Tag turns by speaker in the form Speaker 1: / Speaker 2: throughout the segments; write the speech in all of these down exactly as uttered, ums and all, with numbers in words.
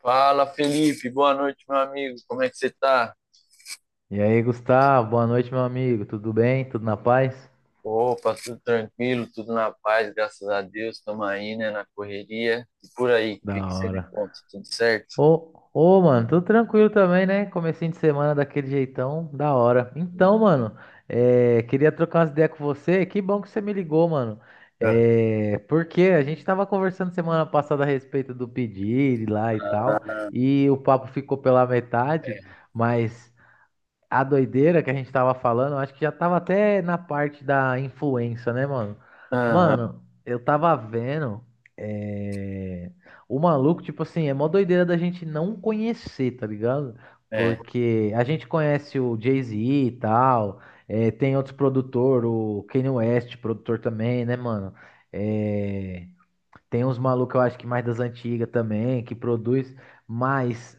Speaker 1: Fala, Felipe. Boa noite, meu amigo. Como é que você tá?
Speaker 2: E aí, Gustavo, boa noite, meu amigo. Tudo bem? Tudo na paz?
Speaker 1: Opa, tudo tranquilo, tudo na paz, graças a Deus. Estamos aí, né, na correria. E por aí, o
Speaker 2: Da
Speaker 1: que que você me
Speaker 2: hora.
Speaker 1: conta? Tudo certo?
Speaker 2: Ô, ô, mano, tudo tranquilo também, né? Comecinho de semana daquele jeitão, da hora.
Speaker 1: Hum.
Speaker 2: Então, mano, é, queria trocar umas ideias com você. Que bom que você me ligou, mano.
Speaker 1: Ah,
Speaker 2: É, porque a gente tava conversando semana passada a respeito do pedido lá e tal, e o papo ficou pela metade,
Speaker 1: é.
Speaker 2: mas. A doideira que a gente tava falando, eu acho que já tava até na parte da influência, né, mano?
Speaker 1: Aham,
Speaker 2: Mano, eu tava vendo. é, O maluco, tipo assim, é mó doideira da gente não conhecer, tá ligado?
Speaker 1: é.
Speaker 2: Porque a gente conhece o Jay-Z e tal, é, tem outros produtores, o Kanye West, produtor também, né, mano? É, tem uns malucos, eu acho que mais das antigas também, que produz, mas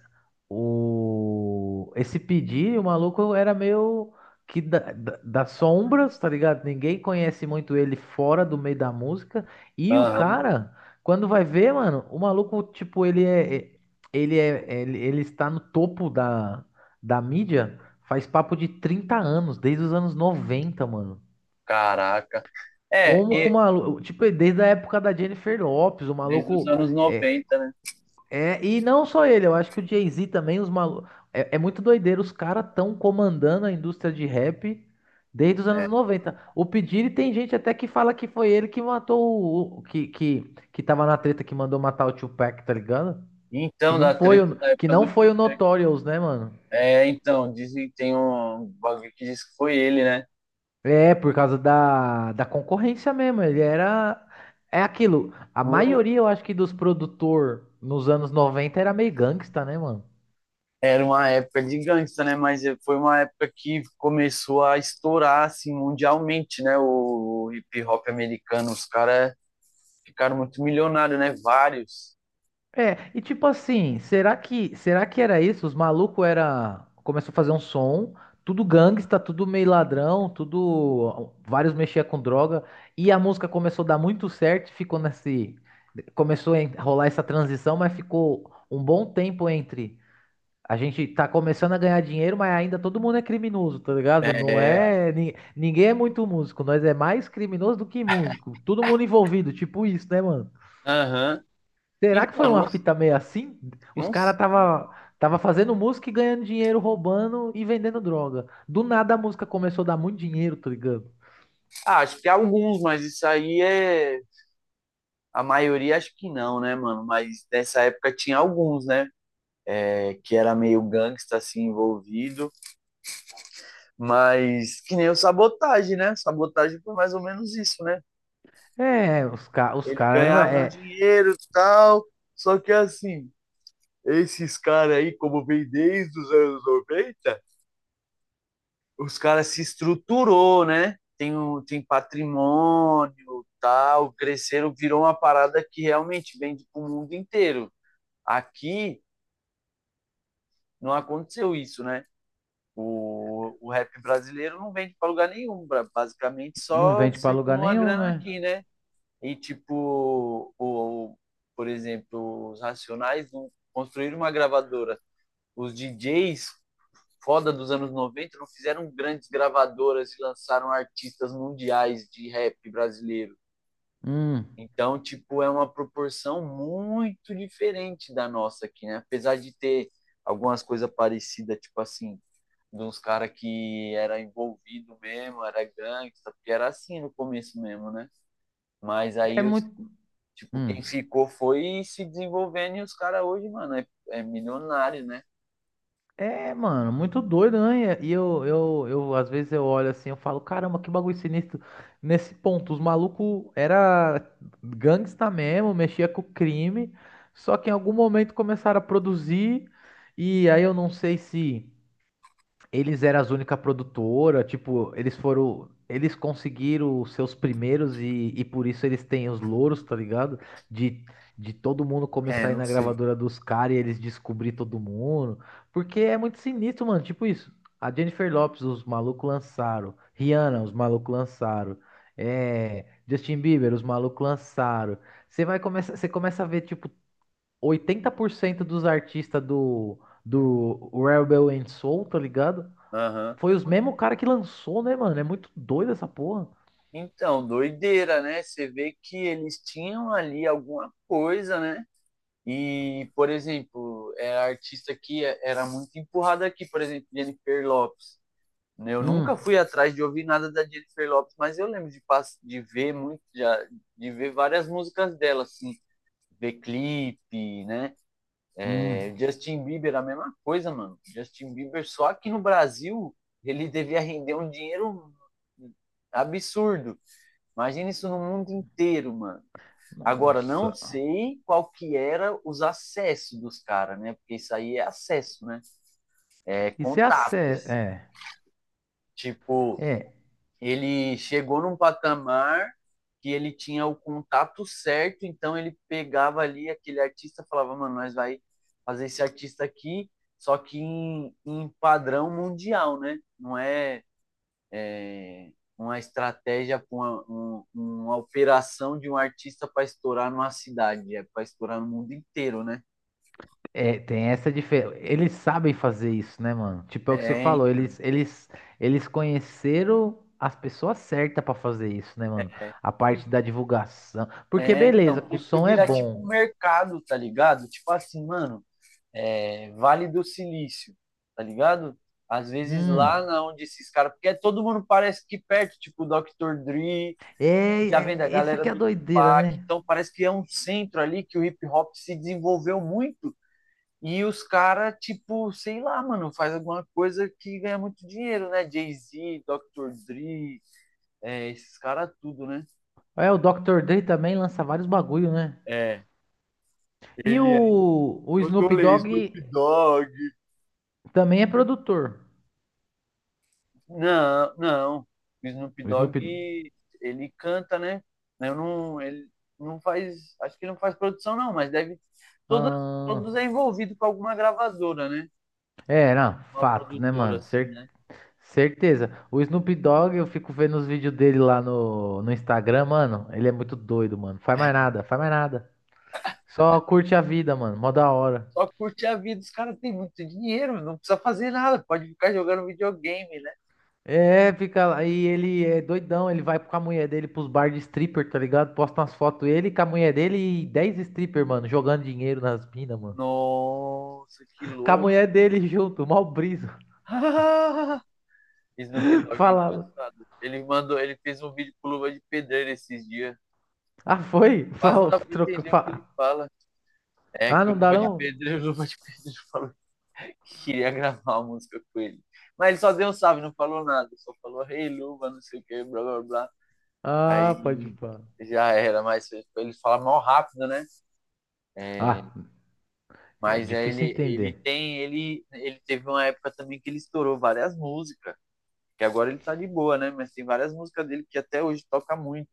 Speaker 2: o esse pedir, o maluco era meio que da, da- das sombras, tá ligado? Ninguém conhece muito ele fora do meio da música. E o
Speaker 1: Aham.
Speaker 2: cara, quando vai ver, mano, o maluco, tipo, ele é é- ele é ele, ele está no topo da da mídia faz papo de trinta anos, desde os anos noventa mano.
Speaker 1: Caraca. É,
Speaker 2: Como com o
Speaker 1: e
Speaker 2: maluco, tipo, desde a época da Jennifer Lopez, o
Speaker 1: desde os
Speaker 2: maluco
Speaker 1: anos
Speaker 2: é,
Speaker 1: noventa, né?
Speaker 2: é, e não só ele, eu acho que o Jay-Z também, os malu É, é muito doideiro, os caras estão comandando a indústria de rap desde os anos
Speaker 1: É.
Speaker 2: noventa. O P. Diddy tem gente até que fala que foi ele que matou o. o- Que, que, que tava na treta que mandou matar o Tupac, tá ligado? Que
Speaker 1: Então,
Speaker 2: não
Speaker 1: da
Speaker 2: foi
Speaker 1: treta
Speaker 2: o,
Speaker 1: da
Speaker 2: que
Speaker 1: época
Speaker 2: não
Speaker 1: do
Speaker 2: foi o
Speaker 1: Tupac.
Speaker 2: Notorious, né, mano?
Speaker 1: É, então, dizem que tem um bagulho que diz que foi ele, né?
Speaker 2: É, por causa da, da concorrência mesmo. Ele era. É aquilo. A maioria, eu acho que, dos produtor nos anos noventa era meio gangsta, né, mano?
Speaker 1: Era uma época de gangsta, né? Mas eh, foi uma época que começou a estourar assim mundialmente, né? O hip hop americano, os caras ficaram muito milionários, né? Vários.
Speaker 2: É, e tipo assim, será que será que era isso? Os malucos era começou a fazer um som, tudo gangsta, tudo meio ladrão, tudo vários mexia com droga e a música começou a dar muito certo, ficou nesse começou a en- rolar essa transição, mas ficou um bom tempo entre a gente tá começando a ganhar dinheiro, mas ainda todo mundo é criminoso, tá ligado? Não
Speaker 1: É.
Speaker 2: é ni- ninguém é muito músico, nós é mais criminoso do que músico, todo mundo envolvido, tipo isso, né, mano?
Speaker 1: Aham.
Speaker 2: Será que
Speaker 1: Então,
Speaker 2: foi uma
Speaker 1: não,
Speaker 2: fita meio assim? Os
Speaker 1: não,
Speaker 2: caras tava, tava fazendo música e ganhando dinheiro, roubando e vendendo droga. Do nada a música começou a dar muito dinheiro, tá ligado?
Speaker 1: ah, acho que alguns, mas isso aí é a maioria acho que não, né, mano? Mas nessa época tinha alguns, né? É, que era meio gangsta assim envolvido, mas que nem o Sabotagem, né? Sabotagem foi mais ou menos isso, né?
Speaker 2: É, os, ca os
Speaker 1: Ele
Speaker 2: caras,
Speaker 1: ganhava um
Speaker 2: é,
Speaker 1: dinheiro e tal. Só que assim, esses caras aí, como vem desde os anos noventa, os caras se estruturou, né? Tem, um, tem patrimônio, tal, cresceram, virou uma parada que realmente vende pro mundo inteiro. Aqui não aconteceu isso, né? O, o rap brasileiro não vende para lugar nenhum, bra- basicamente
Speaker 2: não
Speaker 1: só
Speaker 2: vende pra lugar
Speaker 1: circula uma
Speaker 2: nenhum,
Speaker 1: grana
Speaker 2: né?
Speaker 1: aqui, né? E, tipo, o, o- por exemplo, os Racionais não construíram uma gravadora. Os D Js foda dos anos noventa não fizeram grandes gravadoras e lançaram artistas mundiais de rap brasileiro.
Speaker 2: hum.
Speaker 1: Então, tipo, é uma proporção muito diferente da nossa aqui, né? Apesar de ter algumas coisas parecidas, tipo assim, de uns caras que era envolvido mesmo, era gangsta, porque era assim no começo mesmo, né? Mas
Speaker 2: É
Speaker 1: aí os…
Speaker 2: muito.
Speaker 1: Tipo,
Speaker 2: Hum.
Speaker 1: quem ficou foi se desenvolvendo e os caras hoje, mano, é, é milionário, né?
Speaker 2: É, mano, muito doido, né? E eu, eu, eu, às vezes eu olho assim, eu falo, caramba, que bagulho sinistro. Nesse ponto, os malucos era gangsta mesmo, mexia com crime, só que em algum momento começaram a produzir, e aí eu não sei se eles eram as única produtora, tipo, eles foram. Eles conseguiram os seus primeiros e, e por isso eles têm os louros, tá ligado? De, de todo mundo
Speaker 1: É,
Speaker 2: começar a ir
Speaker 1: não
Speaker 2: na
Speaker 1: sei.
Speaker 2: gravadora dos caras e eles descobrir todo mundo. Porque é muito sinistro, mano. Tipo isso. A Jennifer Lopez, os malucos lançaram. Rihanna, os malucos lançaram. É, Justin Bieber, os malucos lançaram. Você vai começar, você começa a ver, tipo, oitenta por cento dos artistas do, do Rebel and Soul, tá ligado?
Speaker 1: Aham.
Speaker 2: Foi os mesmos cara que lançou, né, mano? É muito doido essa porra.
Speaker 1: Então, doideira, né? Você vê que eles tinham ali alguma coisa, né? E, por exemplo, é artista que é- era muito empurrada aqui, por exemplo, Jennifer Lopes. Né? Eu
Speaker 2: Hum,
Speaker 1: nunca fui atrás de ouvir nada da Jennifer Lopes, mas eu lembro de, pass- de ver muito, de, de ver várias músicas dela, assim, ver clipe, né?
Speaker 2: hum.
Speaker 1: Justin Bieber, a mesma coisa, mano. Justin Bieber, só aqui no Brasil, ele devia render um dinheiro absurdo. Imagina isso no mundo inteiro, mano. Agora, não
Speaker 2: Nossa.
Speaker 1: sei qual que era os acessos dos caras, né? Porque isso aí é acesso, né? É
Speaker 2: Isso é a
Speaker 1: contato.
Speaker 2: sé... É,
Speaker 1: Tipo,
Speaker 2: é,
Speaker 1: ele chegou num patamar que ele tinha o contato certo, então ele pegava ali aquele artista, falava, mano, nós vai fazer esse artista aqui, só que em, em padrão mundial, né? Não é, é uma estratégia, uma, um, uma operação de um artista para estourar numa cidade, é para estourar no mundo inteiro, né?
Speaker 2: é, tem essa diferença. Eles sabem fazer isso, né, mano? Tipo, é o que você
Speaker 1: É,
Speaker 2: falou, eles, eles, eles conheceram as pessoas certas pra fazer isso, né, mano? A parte da divulgação. Porque,
Speaker 1: é então,
Speaker 2: beleza, que o
Speaker 1: porque
Speaker 2: som é
Speaker 1: vira tipo
Speaker 2: bom.
Speaker 1: um mercado, tá ligado? Tipo assim, mano, é, Vale do Silício, tá ligado? Às vezes lá
Speaker 2: Hum.
Speaker 1: na onde esses caras. Porque todo mundo parece que perto, tipo o doutor Dre,
Speaker 2: É,
Speaker 1: já vem da
Speaker 2: é- essa
Speaker 1: galera
Speaker 2: que é a
Speaker 1: do
Speaker 2: doideira,
Speaker 1: Tupac.
Speaker 2: né?
Speaker 1: Então parece que é um centro ali que o hip hop se desenvolveu muito. E os caras, tipo, sei lá, mano, faz alguma coisa que ganha muito dinheiro, né? Jay-Z, doutor Dre, é, esses caras tudo, né?
Speaker 2: É, o doutor Dre também lança vários bagulho, né?
Speaker 1: É,
Speaker 2: E
Speaker 1: ele é
Speaker 2: o, o
Speaker 1: o
Speaker 2: Snoop
Speaker 1: Tolê,
Speaker 2: Dogg.
Speaker 1: Snoop Dogg.
Speaker 2: Também é produtor.
Speaker 1: Não, não. O Snoop
Speaker 2: O Snoop.
Speaker 1: Dogg, ele canta, né? Eu não, ele não faz, acho que ele não faz produção não, mas deve todos…
Speaker 2: Ah,
Speaker 1: todos é envolvido com alguma gravadora, né?
Speaker 2: é, não,
Speaker 1: Uma
Speaker 2: fato, né,
Speaker 1: produtora
Speaker 2: mano?
Speaker 1: assim,
Speaker 2: Cer-
Speaker 1: né?
Speaker 2: certeza. O Snoop Dogg, eu fico vendo os vídeos dele lá no, no Instagram, mano. Ele é muito doido, mano. Faz mais nada, faz mais nada. Só curte a vida, mano. Mó da hora.
Speaker 1: Só curte a vida, os caras têm muito dinheiro, não precisa fazer nada, pode ficar jogando videogame, né?
Speaker 2: É, fica lá. E ele é doidão. Ele vai com a mulher dele pros bar de stripper, tá ligado? Posta umas fotos ele com a mulher dele e dez stripper, mano. Jogando dinheiro nas minas, mano.
Speaker 1: Nossa, que
Speaker 2: Com a
Speaker 1: louco.
Speaker 2: mulher dele junto, mó brisa.
Speaker 1: Snoop Dogg é
Speaker 2: Fala.
Speaker 1: engraçado. Ele mandou, ele fez um vídeo com luva de pedreiro esses dias.
Speaker 2: Ah, foi?
Speaker 1: Quase não
Speaker 2: Fala,
Speaker 1: dá pra
Speaker 2: troca,
Speaker 1: entender o que ele
Speaker 2: fa-
Speaker 1: fala. É
Speaker 2: Ah,
Speaker 1: que o
Speaker 2: não dá
Speaker 1: Luva de
Speaker 2: não?
Speaker 1: Pedreiro, o Luva de Pedreiro falou que queria gravar uma música com ele. Mas ele só deu um salve, não falou nada. Só falou, rei hey, Luva, não sei o que, blá, blá, blá.
Speaker 2: Ah, pode
Speaker 1: Aí
Speaker 2: pá.
Speaker 1: já era, mas ele fala mal rápido, né? É,
Speaker 2: Ah, é
Speaker 1: mas é,
Speaker 2: difícil
Speaker 1: ele, ele
Speaker 2: entender.
Speaker 1: tem, ele, ele teve uma época também que ele estourou várias músicas. Que agora ele tá de boa, né? Mas tem várias músicas dele que até hoje toca muito.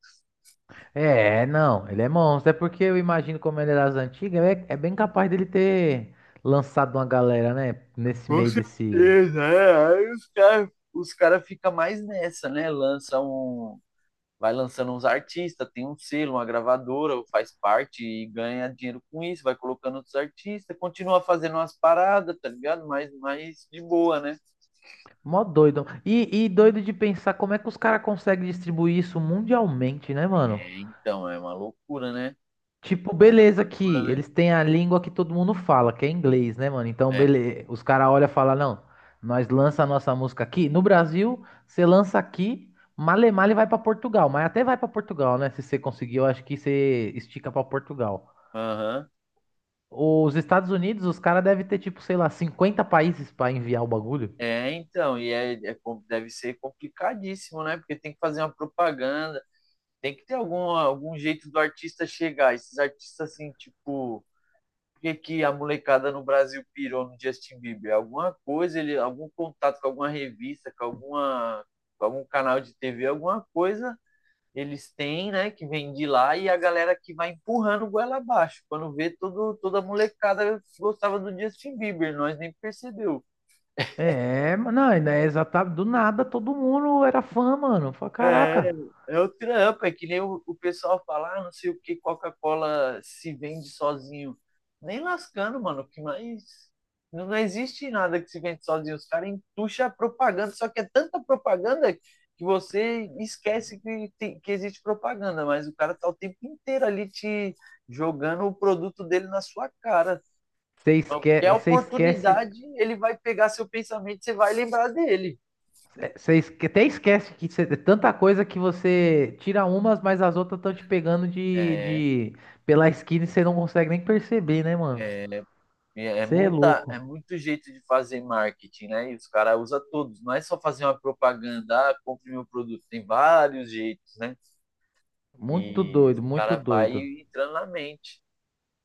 Speaker 2: É, não, ele é monstro. É porque eu imagino como ele era das antigas, é, é bem capaz dele ter lançado uma galera, né? Nesse
Speaker 1: Com
Speaker 2: meio desse.
Speaker 1: certeza, é. Aí os caras os caras ficam mais nessa, né? Lança um, vai lançando uns artistas, tem um selo, uma gravadora, faz parte e ganha dinheiro com isso, vai colocando outros artistas, continua fazendo umas paradas, tá ligado? Mas mais de boa, né?
Speaker 2: Mó doido. E, e doido de pensar como é que os caras conseguem distribuir isso mundialmente, né, mano?
Speaker 1: É, então, é uma loucura, né?
Speaker 2: Tipo,
Speaker 1: As
Speaker 2: beleza que
Speaker 1: gravadoras, né?
Speaker 2: eles têm a língua que todo mundo fala, que é inglês, né, mano? Então,
Speaker 1: É,
Speaker 2: beleza. Os caras olham e falam, não, nós lança a nossa música aqui. No Brasil, você lança aqui, male male vai pra Portugal. Mas até vai pra Portugal, né? Se você conseguir, eu acho que você estica pra Portugal.
Speaker 1: aham.
Speaker 2: Os Estados Unidos, os caras devem ter, tipo, sei lá, cinquenta países pra enviar o bagulho.
Speaker 1: É, então, e é, é com- deve ser complicadíssimo, né? Porque tem que fazer uma propaganda, tem que ter algum, algum jeito do artista chegar. Esses artistas, assim, tipo, que, que a molecada no Brasil pirou no Justin Bieber? Alguma coisa, ele, algum contato com alguma revista, com, alguma, com algum canal de T V, alguma coisa eles têm, né, que vem de lá e a galera que vai empurrando o goela abaixo. Quando vê, todo, toda a molecada gostava do Justin Bieber, nós nem percebeu.
Speaker 2: É, mas não, ainda é exatamente do nada, todo mundo era fã, mano. Fala,
Speaker 1: É,
Speaker 2: caraca.
Speaker 1: é o trampo, é que nem o, o pessoal fala, ah, não sei o que, Coca-Cola se vende sozinho. Nem lascando, mano, que mais. Não, não existe nada que se vende sozinho. Os caras entucham a propaganda, só que é tanta propaganda que você esquece que, tem- que existe propaganda, mas o cara tá o tempo inteiro ali te jogando o produto dele na sua cara.
Speaker 2: Você esquece,
Speaker 1: Qualquer
Speaker 2: você esquece,
Speaker 1: oportunidade, ele vai pegar seu pensamento, você vai lembrar dele.
Speaker 2: Você esque- até esquece que cê- é tanta coisa que você tira umas, mas as outras estão te pegando de, de pela esquina e você não consegue nem perceber, né, mano?
Speaker 1: É, E É
Speaker 2: Você é
Speaker 1: muita, é
Speaker 2: louco.
Speaker 1: muito jeito de fazer marketing, né? E os caras usam todos. Não é só fazer uma propaganda, ah, compre meu produto. Tem vários jeitos, né?
Speaker 2: Muito
Speaker 1: E o
Speaker 2: doido, muito
Speaker 1: cara vai
Speaker 2: doido.
Speaker 1: entrando na mente.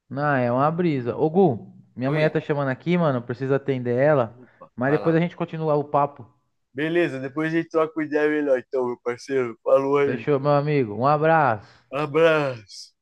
Speaker 2: Não, é uma brisa. Ô, Gu, minha
Speaker 1: Oi?
Speaker 2: mulher tá chamando aqui, mano. Preciso atender ela.
Speaker 1: Opa,
Speaker 2: Mas
Speaker 1: vai lá.
Speaker 2: depois a gente continua o papo.
Speaker 1: Beleza, depois a gente troca uma ideia melhor, então, meu parceiro. Falou aí.
Speaker 2: Fechou, meu amigo. Um abraço.
Speaker 1: Abraço.